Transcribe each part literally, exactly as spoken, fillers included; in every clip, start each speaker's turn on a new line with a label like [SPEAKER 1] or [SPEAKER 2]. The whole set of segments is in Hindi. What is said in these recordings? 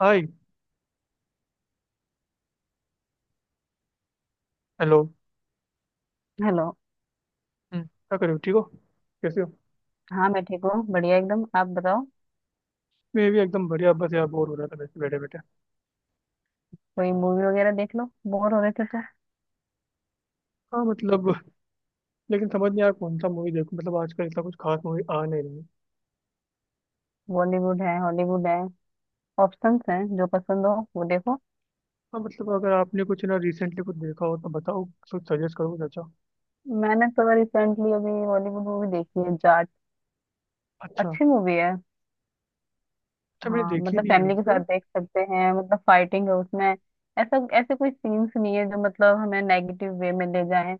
[SPEAKER 1] हाय। हेलो।
[SPEAKER 2] हेलो।
[SPEAKER 1] हम्म, क्या कर रहे हो? ठीक हो? कैसे हो?
[SPEAKER 2] हाँ मैं ठीक हूँ, बढ़िया एकदम। आप बताओ।
[SPEAKER 1] मैं भी एकदम बढ़िया। बस यार, बोर हो रहा था वैसे बैठे बैठे।
[SPEAKER 2] कोई मूवी वगैरह देख लो। बोर हो रहे थे तो
[SPEAKER 1] हाँ, मतलब। लेकिन समझ नहीं आया कौन सा मूवी देखूं, मतलब आजकल इतना कुछ खास मूवी आ नहीं रही है।
[SPEAKER 2] बॉलीवुड है, हॉलीवुड है, ऑप्शंस हैं। जो पसंद हो वो देखो।
[SPEAKER 1] हाँ मतलब, अगर आपने कुछ ना रिसेंटली कुछ देखा हो तो बताओ। कुछ सजेस्ट करो कुछ अच्छा।
[SPEAKER 2] मैंने तो रिसेंटली अभी बॉलीवुड मूवी देखी है, जाट।
[SPEAKER 1] अच्छा।
[SPEAKER 2] अच्छी मूवी है।
[SPEAKER 1] अच्छा, मैंने
[SPEAKER 2] हाँ
[SPEAKER 1] देखी
[SPEAKER 2] मतलब
[SPEAKER 1] नहीं है
[SPEAKER 2] फैमिली के
[SPEAKER 1] वैसे।
[SPEAKER 2] साथ देख सकते हैं, मतलब फाइटिंग है उसमें। ऐसा ऐसे कोई सीन्स नहीं है जो मतलब हमें नेगेटिव वे में ले जाए।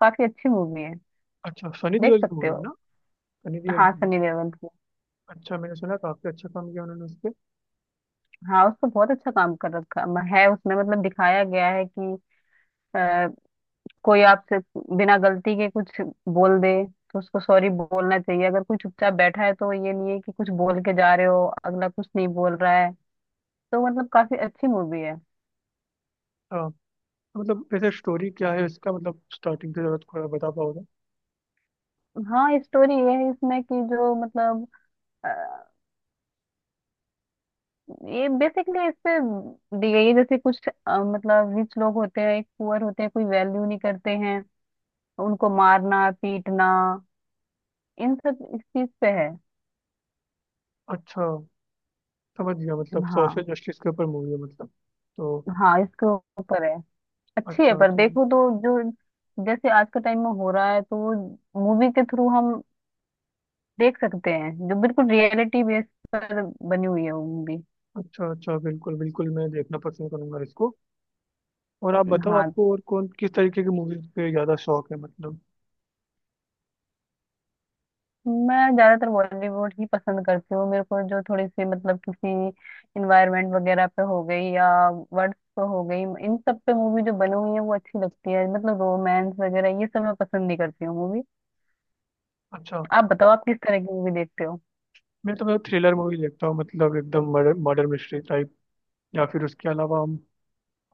[SPEAKER 2] काफी अच्छी मूवी है।
[SPEAKER 1] अच्छा, सनी
[SPEAKER 2] देख
[SPEAKER 1] देओल की
[SPEAKER 2] सकते
[SPEAKER 1] मूवी है
[SPEAKER 2] हो।
[SPEAKER 1] ना? सनी देओल
[SPEAKER 2] हाँ
[SPEAKER 1] की movie।
[SPEAKER 2] सनी देओल की।
[SPEAKER 1] अच्छा, मैंने सुना काफी अच्छा काम किया उन्होंने उस पर।
[SPEAKER 2] हाँ उसको बहुत अच्छा काम कर रखा है उसमें। मतलब दिखाया गया है कि कोई आपसे बिना गलती के कुछ बोल दे तो उसको सॉरी बोलना चाहिए। अगर कोई चुपचाप बैठा है तो ये नहीं है कि कुछ बोल के जा रहे हो, अगला कुछ नहीं बोल रहा है। तो मतलब काफी अच्छी मूवी है।
[SPEAKER 1] हाँ तो मतलब, वैसे स्टोरी क्या है इसका? मतलब स्टार्टिंग से जरा थोड़ा बता पाओगे?
[SPEAKER 2] हाँ स्टोरी ये है इसमें कि जो मतलब अ, ये बेसिकली इससे दी गई है। जैसे कुछ अ, मतलब रिच लोग होते हैं, एक पुअर होते हैं, कोई वैल्यू नहीं करते हैं, उनको मारना पीटना, इन सब इस चीज पे है।
[SPEAKER 1] अच्छा, समझ गया। मतलब सोशल
[SPEAKER 2] हाँ।
[SPEAKER 1] जस्टिस के ऊपर मूवी है मतलब। तो
[SPEAKER 2] हाँ इसके ऊपर है। अच्छी है।
[SPEAKER 1] अच्छा
[SPEAKER 2] पर
[SPEAKER 1] होती है।
[SPEAKER 2] देखो तो जो जैसे आज के टाइम में हो रहा है तो वो मूवी के थ्रू हम देख सकते हैं। जो बिल्कुल रियलिटी बेस पर बनी हुई है वो मूवी।
[SPEAKER 1] अच्छा अच्छा, बिल्कुल बिल्कुल, मैं देखना पसंद करूंगा इसको। और आप बताओ,
[SPEAKER 2] हाँ
[SPEAKER 1] आपको और कौन किस तरीके की मूवीज पे ज़्यादा शौक है मतलब?
[SPEAKER 2] मैं ज्यादातर बॉलीवुड ही पसंद करती हूँ। मेरे को जो थोड़ी सी मतलब किसी इन्वायरमेंट वगैरह पे हो गई या वर्ड्स पे हो गई, इन सब पे मूवी जो बनी हुई है वो अच्छी लगती है। मतलब रोमांस वगैरह ये सब मैं पसंद नहीं करती हूँ मूवी।
[SPEAKER 1] अच्छा।
[SPEAKER 2] आप बताओ आप किस तरह की मूवी देखते हो।
[SPEAKER 1] मैं तो मतलब थ्रिलर मूवी देखता हूँ, मतलब एकदम मर्डर मर्डर मिस्ट्री टाइप। या फिर उसके अलावा हम,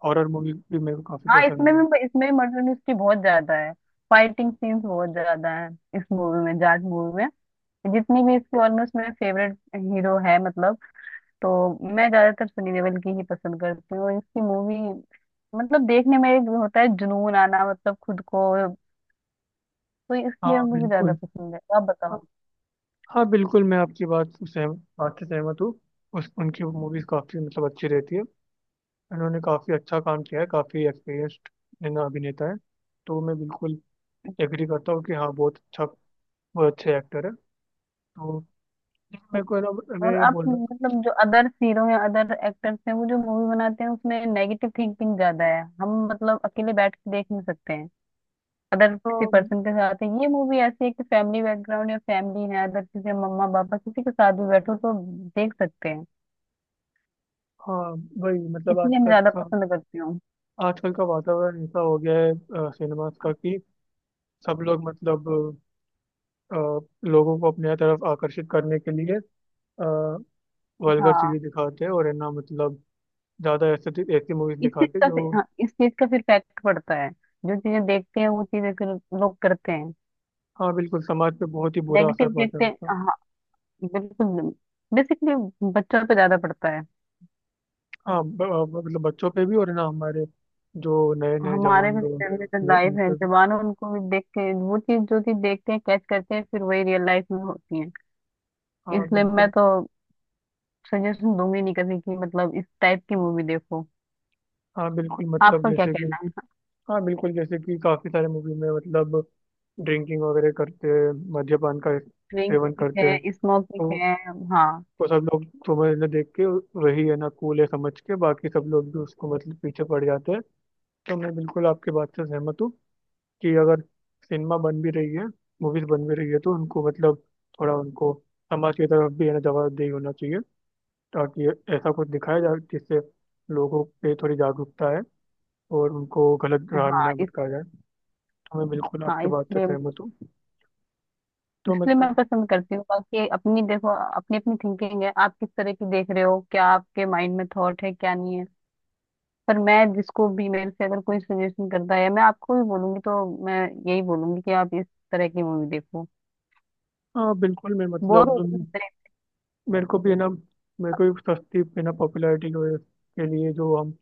[SPEAKER 1] हॉरर मूवी भी मेरे को काफ़ी
[SPEAKER 2] हाँ
[SPEAKER 1] पसंद
[SPEAKER 2] इसमें
[SPEAKER 1] है।
[SPEAKER 2] भी इसमें भी मर्डर मिस्ट्री बहुत ज्यादा है। फाइटिंग सीन्स बहुत ज्यादा है इस मूवी में, जाट मूवी में। जितनी भी इसकी ऑलमोस्ट मेरे फेवरेट हीरो है मतलब, तो मैं ज्यादातर सनी देओल की ही पसंद करती हूँ इसकी मूवी। मतलब देखने में एक होता है जुनून आना, मतलब खुद को, तो इसलिए
[SPEAKER 1] हाँ
[SPEAKER 2] मुझे ज्यादा
[SPEAKER 1] बिल्कुल।
[SPEAKER 2] पसंद है। आप
[SPEAKER 1] हाँ।
[SPEAKER 2] बताओ।
[SPEAKER 1] हाँ, बिल्कुल मैं आपकी बात से सहम बात से सहमत हूँ। उस उनकी मूवीज काफ़ी मतलब अच्छी रहती है। उन्होंने काफ़ी अच्छा काम किया है, काफ़ी एक्सपीरियंस्ड अभिनेता है। तो मैं बिल्कुल एग्री करता हूँ कि हाँ बहुत अच्छा, वो अच्छे एक्टर है। तो मेरे को ना, मैं
[SPEAKER 2] और
[SPEAKER 1] ये
[SPEAKER 2] आप
[SPEAKER 1] बोल रहा
[SPEAKER 2] मतलब जो अदर हीरो या अदर एक्टर्स हैं वो जो मूवी बनाते हैं उसमें नेगेटिव थिंकिंग ज्यादा है, हम मतलब अकेले बैठ के देख नहीं सकते हैं। अदर
[SPEAKER 1] था।
[SPEAKER 2] किसी
[SPEAKER 1] हाँ।
[SPEAKER 2] पर्सन के साथ है, ये मूवी ऐसी है कि फैमिली बैकग्राउंड या फैमिली है, अदर किसी मम्मा पापा किसी के साथ भी बैठो तो देख सकते हैं।
[SPEAKER 1] हाँ, वही मतलब
[SPEAKER 2] इसलिए मैं
[SPEAKER 1] आजकल
[SPEAKER 2] ज्यादा
[SPEAKER 1] का
[SPEAKER 2] पसंद करती हूँ।
[SPEAKER 1] आजकल का वातावरण ऐसा हो गया है सिनेमास का, कि सब लोग मतलब अ, लोगों को अपने तरफ आकर्षित करने के लिए वल्गर चीजें
[SPEAKER 2] हाँ
[SPEAKER 1] दिखाते हैं, और है ना मतलब ज्यादा ऐसे, ऐसी मूवीज
[SPEAKER 2] इस चीज
[SPEAKER 1] दिखाते हैं
[SPEAKER 2] का फिर-
[SPEAKER 1] जो।
[SPEAKER 2] हाँ इस चीज का फिर फैक्ट पड़ता है। जो चीजें देखते हैं वो चीजें फिर लोग करते हैं।
[SPEAKER 1] हाँ बिल्कुल, समाज पे बहुत ही बुरा
[SPEAKER 2] नेगेटिव
[SPEAKER 1] असर पड़ता है
[SPEAKER 2] देखते हैं।
[SPEAKER 1] उसका।
[SPEAKER 2] हाँ। बिल्कुल। बेसिकली बच्चों पे ज्यादा पड़ता है।
[SPEAKER 1] हाँ ब, ब- मतलब बच्चों पे भी, और है ना हमारे जो नए नए
[SPEAKER 2] हमारे
[SPEAKER 1] जवान
[SPEAKER 2] भी
[SPEAKER 1] लोग हैं
[SPEAKER 2] जनरेशन
[SPEAKER 1] उसमें
[SPEAKER 2] लाइफ
[SPEAKER 1] उन
[SPEAKER 2] है,
[SPEAKER 1] पे भी।
[SPEAKER 2] जवान है, उनको भी देख के वो चीज जो चीज देखते हैं कैच करते हैं फिर वही रियल लाइफ में होती है।
[SPEAKER 1] हाँ
[SPEAKER 2] इसलिए मैं
[SPEAKER 1] बिल्कुल।
[SPEAKER 2] तो सजेशन दूंगी नहीं कभी कि मतलब इस टाइप की मूवी देखो।
[SPEAKER 1] हाँ बिल्कुल, मतलब
[SPEAKER 2] आपका क्या
[SPEAKER 1] जैसे कि।
[SPEAKER 2] कहना है।
[SPEAKER 1] हाँ बिल्कुल, जैसे कि काफी सारे मूवी में मतलब ड्रिंकिंग वगैरह करते हैं, मद्यपान का
[SPEAKER 2] ड्रिंक
[SPEAKER 1] सेवन
[SPEAKER 2] भी
[SPEAKER 1] करते हैं।
[SPEAKER 2] है, स्मोकिंग
[SPEAKER 1] तो
[SPEAKER 2] है। हाँ
[SPEAKER 1] वो सब लोग तुम्हें ना देख के, वही है ना कूल है समझ के, बाकी सब लोग भी उसको मतलब पीछे पड़ जाते हैं। तो मैं बिल्कुल आपके बात से सहमत हूँ कि अगर सिनेमा बन भी रही है, मूवीज बन भी रही है, तो उनको मतलब थोड़ा उनको समाज की तरफ भी है ना जवाबदेही होना चाहिए, ताकि ऐसा कुछ दिखाया जाए जिससे लोगों पे थोड़ी जागरूकता है, और उनको गलत राह में
[SPEAKER 2] हाँ
[SPEAKER 1] ना
[SPEAKER 2] इस
[SPEAKER 1] भटकाया जाए। तो मैं बिल्कुल
[SPEAKER 2] हाँ
[SPEAKER 1] आपके बात से
[SPEAKER 2] इसलिए
[SPEAKER 1] सहमत हूँ। तो
[SPEAKER 2] इसलिए मैं
[SPEAKER 1] मतलब,
[SPEAKER 2] पसंद करती हूँ। बाकी अपनी देखो, अपनी अपनी थिंकिंग है। आप किस तरह की देख रहे हो, क्या आपके माइंड में थॉट है क्या नहीं है। पर मैं जिसको भी, मेरे से अगर कोई सजेशन करता है, मैं आपको भी बोलूंगी, तो मैं यही बोलूंगी कि आप इस तरह की मूवी देखो।
[SPEAKER 1] हाँ बिल्कुल मैं
[SPEAKER 2] बोर हो
[SPEAKER 1] मतलब अम,
[SPEAKER 2] रही है।
[SPEAKER 1] मेरे को भी है ना, मेरे को भी सस्ती है ना पॉपुलैरिटी की वजह के लिए जो हम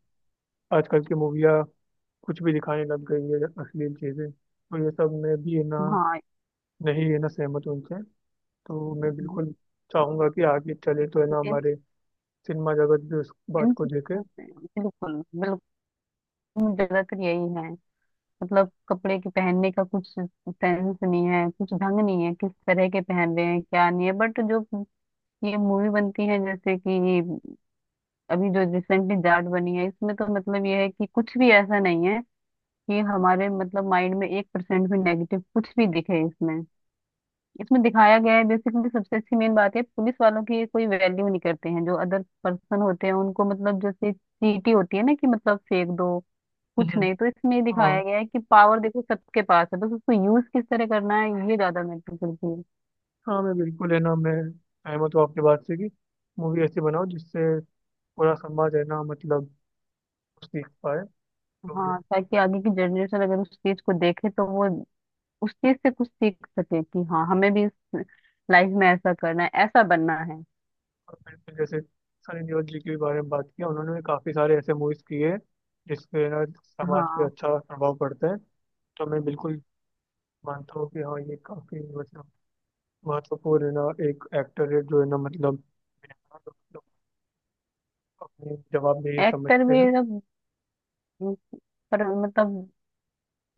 [SPEAKER 1] आजकल की मूवियाँ कुछ भी दिखाने लग गई है अश्लील चीज़ें, तो ये सब मैं भी है ना
[SPEAKER 2] हाँ
[SPEAKER 1] नहीं है ना सहमत हूं उनसे। तो मैं
[SPEAKER 2] इन
[SPEAKER 1] बिल्कुल चाहूँगा कि आगे चले तो है ना हमारे सिनेमा जगत भी उस
[SPEAKER 2] इन
[SPEAKER 1] बात को देखे।
[SPEAKER 2] बिल्कुल बिल्कुल। ज्यादातर यही है। मतलब कपड़े के पहनने का कुछ सेंस नहीं है, कुछ ढंग नहीं है, किस तरह के पहन रहे हैं क्या नहीं है। बट जो ये मूवी बनती है, जैसे कि अभी जो रिसेंटली जाट बनी है, इसमें तो मतलब ये है कि कुछ भी ऐसा नहीं है कि हमारे मतलब माइंड में एक परसेंट भी नेगेटिव कुछ भी दिखे इसमें। इसमें दिखाया गया है बेसिकली, सबसे अच्छी मेन बात है, पुलिस वालों की कोई वैल्यू नहीं करते हैं जो अदर पर्सन होते हैं, उनको मतलब जैसे चीटी होती है ना, कि मतलब फेंक दो, कुछ
[SPEAKER 1] हम्म।
[SPEAKER 2] नहीं। तो इसमें ये
[SPEAKER 1] हाँ।
[SPEAKER 2] दिखाया गया है कि पावर देखो सबके पास है, बस उसको यूज किस तरह करना है ये ज्यादा मैटर करती है।
[SPEAKER 1] हाँ, मैं बिल्कुल है ना मैं सहमत हूँ आपकी बात से, कि मूवी ऐसी बनाओ जिससे पूरा समाज है ना मतलब सीख पाए। तो
[SPEAKER 2] हाँ ताकि आगे की जनरेशन अगर उस चीज को देखे तो वो उस चीज से कुछ सीख सके कि हाँ हमें भी इस लाइफ में ऐसा करना है, ऐसा बनना है।
[SPEAKER 1] मैंने जैसे सनी देओल जी के बारे में बात किया, उन्होंने भी काफी सारे ऐसे मूवीज किए हैं, जिसपे ना समाज पे
[SPEAKER 2] हाँ
[SPEAKER 1] अच्छा प्रभाव पड़ता है। तो मैं बिल्कुल मानता हूँ कि हाँ, ये काफी मतलब महत्वपूर्ण है ना, एक एक्टर है जो है ना मतलब मतलब अपनी जवाबदेही
[SPEAKER 2] एक्टर
[SPEAKER 1] समझते
[SPEAKER 2] भी
[SPEAKER 1] हैं।
[SPEAKER 2] सब, पर मतलब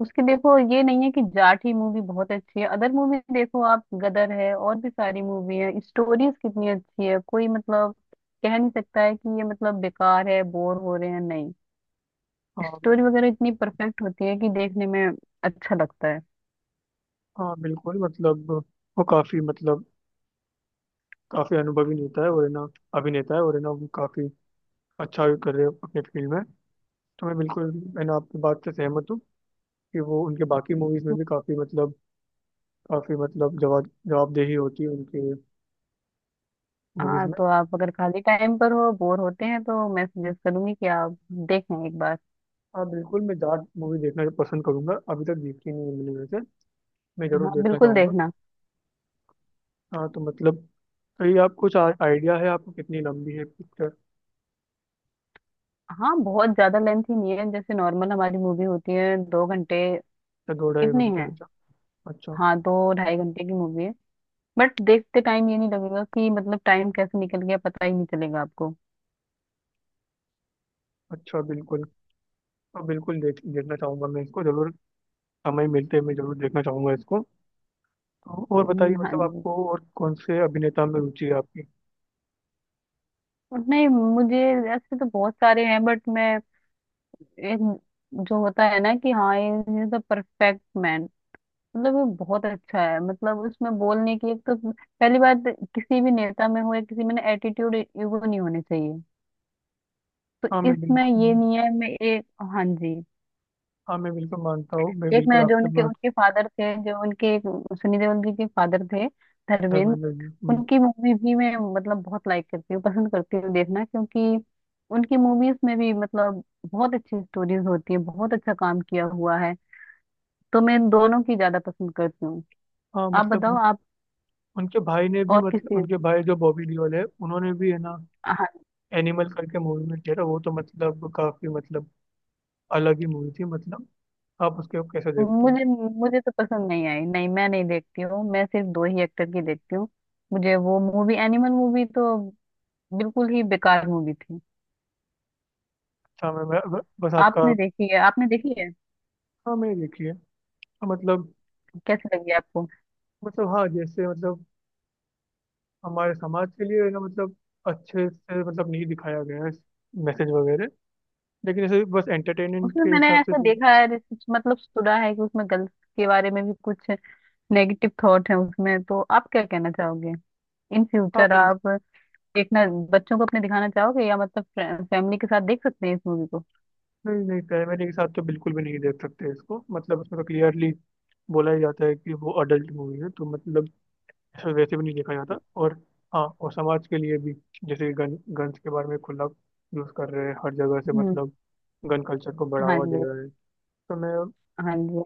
[SPEAKER 2] उसकी देखो ये नहीं है कि जाट ही मूवी बहुत अच्छी है। अदर मूवी देखो आप, गदर है, और भी सारी मूवी है, स्टोरीज कितनी अच्छी है। कोई मतलब कह नहीं सकता है कि ये मतलब बेकार है, बोर हो रहे हैं, नहीं।
[SPEAKER 1] हाँ बिल-
[SPEAKER 2] स्टोरी वगैरह इतनी परफेक्ट होती है कि देखने में अच्छा लगता है।
[SPEAKER 1] हाँ बिल्कुल मतलब, वो काफी मतलब काफी अनुभवी नेता है और है ना अभिनेता है, और है ना वो काफी अच्छा भी कर रहे हैं अपने फील्ड में। तो मैं बिल्कुल है ना आपकी बात से सहमत हूँ कि वो उनके बाकी मूवीज में भी काफी मतलब काफी मतलब जवाब जवाबदेही होती है उनके मूवीज
[SPEAKER 2] हाँ
[SPEAKER 1] में।
[SPEAKER 2] तो आप अगर खाली टाइम पर हो, बोर होते हैं, तो मैं सजेस्ट करूंगी कि आप देखें एक बार।
[SPEAKER 1] हाँ बिल्कुल, मैं जाट मूवी देखना पसंद करूंगा, अभी तक देखी नहीं है मैंने वैसे। मैं जरूर
[SPEAKER 2] हाँ
[SPEAKER 1] देखना
[SPEAKER 2] बिल्कुल
[SPEAKER 1] चाहूंगा।
[SPEAKER 2] देखना।
[SPEAKER 1] हाँ तो मतलब, ये आपको कुछ आइडिया है आपको कितनी लंबी है पिक्चर?
[SPEAKER 2] हाँ बहुत ज्यादा लेंथ ही नहीं है, जैसे नॉर्मल हमारी मूवी होती है दो घंटे,
[SPEAKER 1] अच्छा दो ढाई
[SPEAKER 2] इतनी
[SPEAKER 1] घंटे
[SPEAKER 2] है।
[SPEAKER 1] अच्छा। अच्छा।
[SPEAKER 2] हाँ दो ढाई घंटे की मूवी है। बट देखते टाइम ये नहीं लगेगा कि मतलब टाइम कैसे निकल गया, पता ही नहीं चलेगा आपको।
[SPEAKER 1] अच्छा, बिल्कुल। हाँ बिल्कुल, देख देखना चाहूंगा मैं इसको जरूर। समय मिलते हैं मैं जरूर देखना चाहूंगा इसको। तो और बताइए,
[SPEAKER 2] हम्म, हाँ
[SPEAKER 1] मतलब
[SPEAKER 2] जी।
[SPEAKER 1] आपको और कौन से अभिनेता में रुचि है आपकी?
[SPEAKER 2] नहीं, मुझे ऐसे तो बहुत सारे हैं, बट मैं एक जो होता है ना, कि हाँ ये द परफेक्ट मैन, मतलब वो बहुत अच्छा है। मतलब उसमें बोलने की एक तो पहली बात, किसी भी नेता में हो या किसी में ना, एटीट्यूड ईगो नहीं होने चाहिए। तो
[SPEAKER 1] हाँ मैं
[SPEAKER 2] इसमें ये
[SPEAKER 1] बिल्कुल
[SPEAKER 2] नहीं है। मैं एक, हाँ जी।
[SPEAKER 1] हाँ मैं बिल्कुल मानता हूँ, मैं
[SPEAKER 2] एक
[SPEAKER 1] बिल्कुल
[SPEAKER 2] मैं जो
[SPEAKER 1] आपके
[SPEAKER 2] उनके
[SPEAKER 1] बात।
[SPEAKER 2] उनके फादर थे, जो उनके एक, सुनी देओल जी के फादर थे, धर्मेंद्र।
[SPEAKER 1] धर्मेंद्र जी, हम्म।
[SPEAKER 2] उनकी मूवी भी मैं मतलब बहुत लाइक करती हूँ, पसंद करती हूँ देखना, क्योंकि उनकी मूवीज में भी मतलब बहुत अच्छी स्टोरीज होती है, बहुत अच्छा काम किया हुआ है। तो मैं दोनों की ज्यादा पसंद करती हूँ।
[SPEAKER 1] हाँ
[SPEAKER 2] आप बताओ
[SPEAKER 1] मतलब,
[SPEAKER 2] आप
[SPEAKER 1] उनके भाई ने भी
[SPEAKER 2] और
[SPEAKER 1] मतलब
[SPEAKER 2] किसी।
[SPEAKER 1] उनके भाई जो बॉबी लियोल है, उन्होंने भी है ना
[SPEAKER 2] हाँ
[SPEAKER 1] एनिमल करके मूवी में किया था, वो तो मतलब काफी मतलब अलग ही मूवी थी मतलब। आप उसके कैसे देखते हो?
[SPEAKER 2] मुझे मुझे तो पसंद नहीं आई, नहीं मैं नहीं देखती हूँ, मैं सिर्फ दो ही एक्टर की देखती हूँ। मुझे वो मूवी, एनिमल मूवी तो बिल्कुल ही बेकार मूवी थी।
[SPEAKER 1] अच्छा, मैं, मैं बस आपका।
[SPEAKER 2] आपने देखी है? आपने देखी है?
[SPEAKER 1] हाँ मैं देखिए। हाँ, मतलब
[SPEAKER 2] कैसी लगी आपको?
[SPEAKER 1] मतलब हाँ जैसे मतलब हमारे समाज के लिए है ना मतलब अच्छे से मतलब नहीं दिखाया गया है मैसेज वगैरह, लेकिन ऐसे बस एंटरटेनमेंट
[SPEAKER 2] उसमें
[SPEAKER 1] के
[SPEAKER 2] मैंने
[SPEAKER 1] हिसाब से
[SPEAKER 2] ऐसा
[SPEAKER 1] देखो।
[SPEAKER 2] देखा है, रिसर्च मतलब सुना है कि उसमें गर्ल्स के बारे में भी कुछ नेगेटिव थॉट है उसमें। तो आप क्या कहना चाहोगे, इन
[SPEAKER 1] हाँ
[SPEAKER 2] फ्यूचर
[SPEAKER 1] मैं-
[SPEAKER 2] आप देखना, बच्चों को अपने दिखाना चाहोगे, या मतलब फैमिली के साथ देख सकते हैं इस मूवी को।
[SPEAKER 1] नहीं नहीं, प्राइमरी के साथ तो बिल्कुल भी नहीं देख सकते इसको, मतलब उसमें तो क्लियरली बोला ही जाता है कि वो अडल्ट मूवी है, तो मतलब वैसे भी नहीं देखा जाता। और हाँ, और समाज के लिए भी जैसे गन गन्स के बारे में खुला यूज़ कर रहे हैं हर जगह से,
[SPEAKER 2] हम्म,
[SPEAKER 1] मतलब गन कल्चर को
[SPEAKER 2] हाँ
[SPEAKER 1] बढ़ावा दे
[SPEAKER 2] जी।
[SPEAKER 1] रहे हैं। तो मैं
[SPEAKER 2] हाँ जी।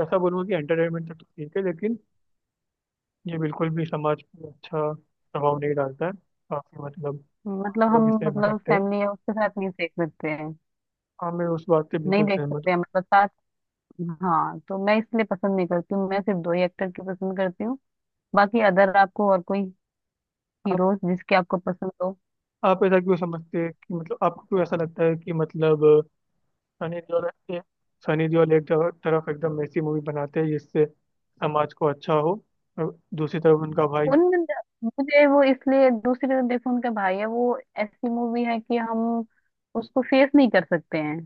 [SPEAKER 1] ऐसा बोलूँगा कि एंटरटेनमेंट तक तो ठीक है, लेकिन ये बिल्कुल भी समाज पे अच्छा प्रभाव नहीं डालता है, काफ़ी मतलब
[SPEAKER 2] मतलब हम,
[SPEAKER 1] लोग इससे
[SPEAKER 2] मतलब
[SPEAKER 1] भटकते हैं।
[SPEAKER 2] फैमिली है उसके साथ नहीं देख सकते हैं।
[SPEAKER 1] हाँ मैं उस बात से
[SPEAKER 2] नहीं
[SPEAKER 1] बिल्कुल
[SPEAKER 2] देख
[SPEAKER 1] सहमत
[SPEAKER 2] सकते हैं मतलब साथ। हाँ तो मैं इसलिए पसंद नहीं करती हूँ, मैं सिर्फ दो ही एक्टर की पसंद करती हूँ। बाकी अदर आपको और कोई
[SPEAKER 1] हूँ।
[SPEAKER 2] हीरोज जिसके आपको पसंद हो।
[SPEAKER 1] आप ऐसा क्यों समझते हैं कि मतलब आपको क्यों ऐसा लगता है कि मतलब सनी देओल एक- सनी देओल एक तरफ तरफ एकदम ऐसी मूवी बनाते हैं जिससे समाज को अच्छा हो, और दूसरी तरफ उनका भाई।
[SPEAKER 2] उन, मुझे वो इसलिए, दूसरी तरफ देखो उनका भाई है, वो ऐसी मूवी है कि हम उसको फेस नहीं कर सकते हैं।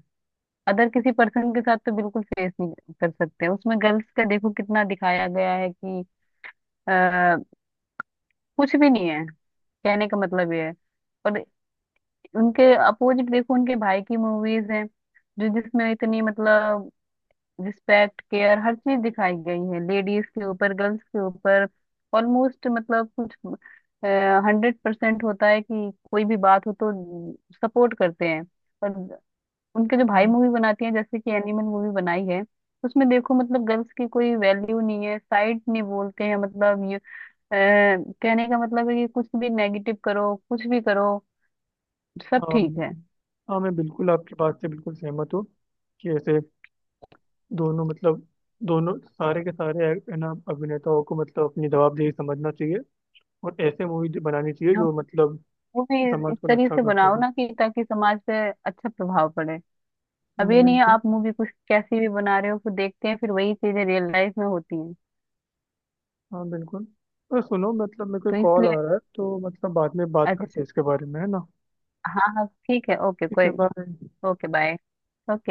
[SPEAKER 2] अदर किसी पर्सन के साथ तो बिल्कुल फेस नहीं कर सकते हैं। उसमें गर्ल्स का देखो कितना दिखाया गया है कि आ, कुछ भी नहीं है। कहने का मतलब ये है। और उनके अपोजिट देखो, उनके भाई की मूवीज हैं जो, जिसमें इतनी मतलब रिस्पेक्ट केयर हर चीज दिखाई गई है लेडीज के ऊपर, गर्ल्स के ऊपर। ऑलमोस्ट मतलब कुछ हंड्रेड परसेंट होता है कि कोई भी बात हो तो सपोर्ट करते हैं। और उनके जो भाई
[SPEAKER 1] हाँ
[SPEAKER 2] मूवी बनाती हैं, जैसे कि एनिमल मूवी बनाई है, उसमें देखो मतलब गर्ल्स की कोई वैल्यू नहीं है, साइड नहीं बोलते हैं मतलब, ये अ, कहने का मतलब है कि कुछ भी नेगेटिव करो कुछ भी करो, सब
[SPEAKER 1] हाँ।
[SPEAKER 2] ठीक है।
[SPEAKER 1] हाँ, मैं बिल्कुल आपकी बात से बिल्कुल सहमत हूँ कि ऐसे दोनों मतलब दोनों, सारे के सारे है ना अभिनेताओं को मतलब अपनी जवाबदेही समझना चाहिए, और ऐसे मूवी बनानी चाहिए
[SPEAKER 2] हम
[SPEAKER 1] जो मतलब
[SPEAKER 2] वो भी
[SPEAKER 1] समाज
[SPEAKER 2] इस
[SPEAKER 1] को
[SPEAKER 2] तरीके
[SPEAKER 1] अच्छा
[SPEAKER 2] से
[SPEAKER 1] कर
[SPEAKER 2] बनाओ
[SPEAKER 1] सके।
[SPEAKER 2] ना, कि ताकि समाज पे अच्छा प्रभाव पड़े। अब ये
[SPEAKER 1] हम्म,
[SPEAKER 2] नहीं है
[SPEAKER 1] बिल्कुल।
[SPEAKER 2] आप मूवी कुछ कैसी भी बना रहे हो, फिर देखते हैं फिर वही चीजें रियल लाइफ में होती हैं।
[SPEAKER 1] हाँ बिल्कुल, और सुनो मतलब मेरे को
[SPEAKER 2] तो
[SPEAKER 1] कॉल
[SPEAKER 2] इसलिए
[SPEAKER 1] आ रहा है तो मतलब बाद में बात करते
[SPEAKER 2] अच्छा।
[SPEAKER 1] हैं इसके बारे में है ना।
[SPEAKER 2] हाँ हाँ ठीक है, ओके,
[SPEAKER 1] ठीक
[SPEAKER 2] कोई।
[SPEAKER 1] है, बाय।
[SPEAKER 2] Okay bye. ओके।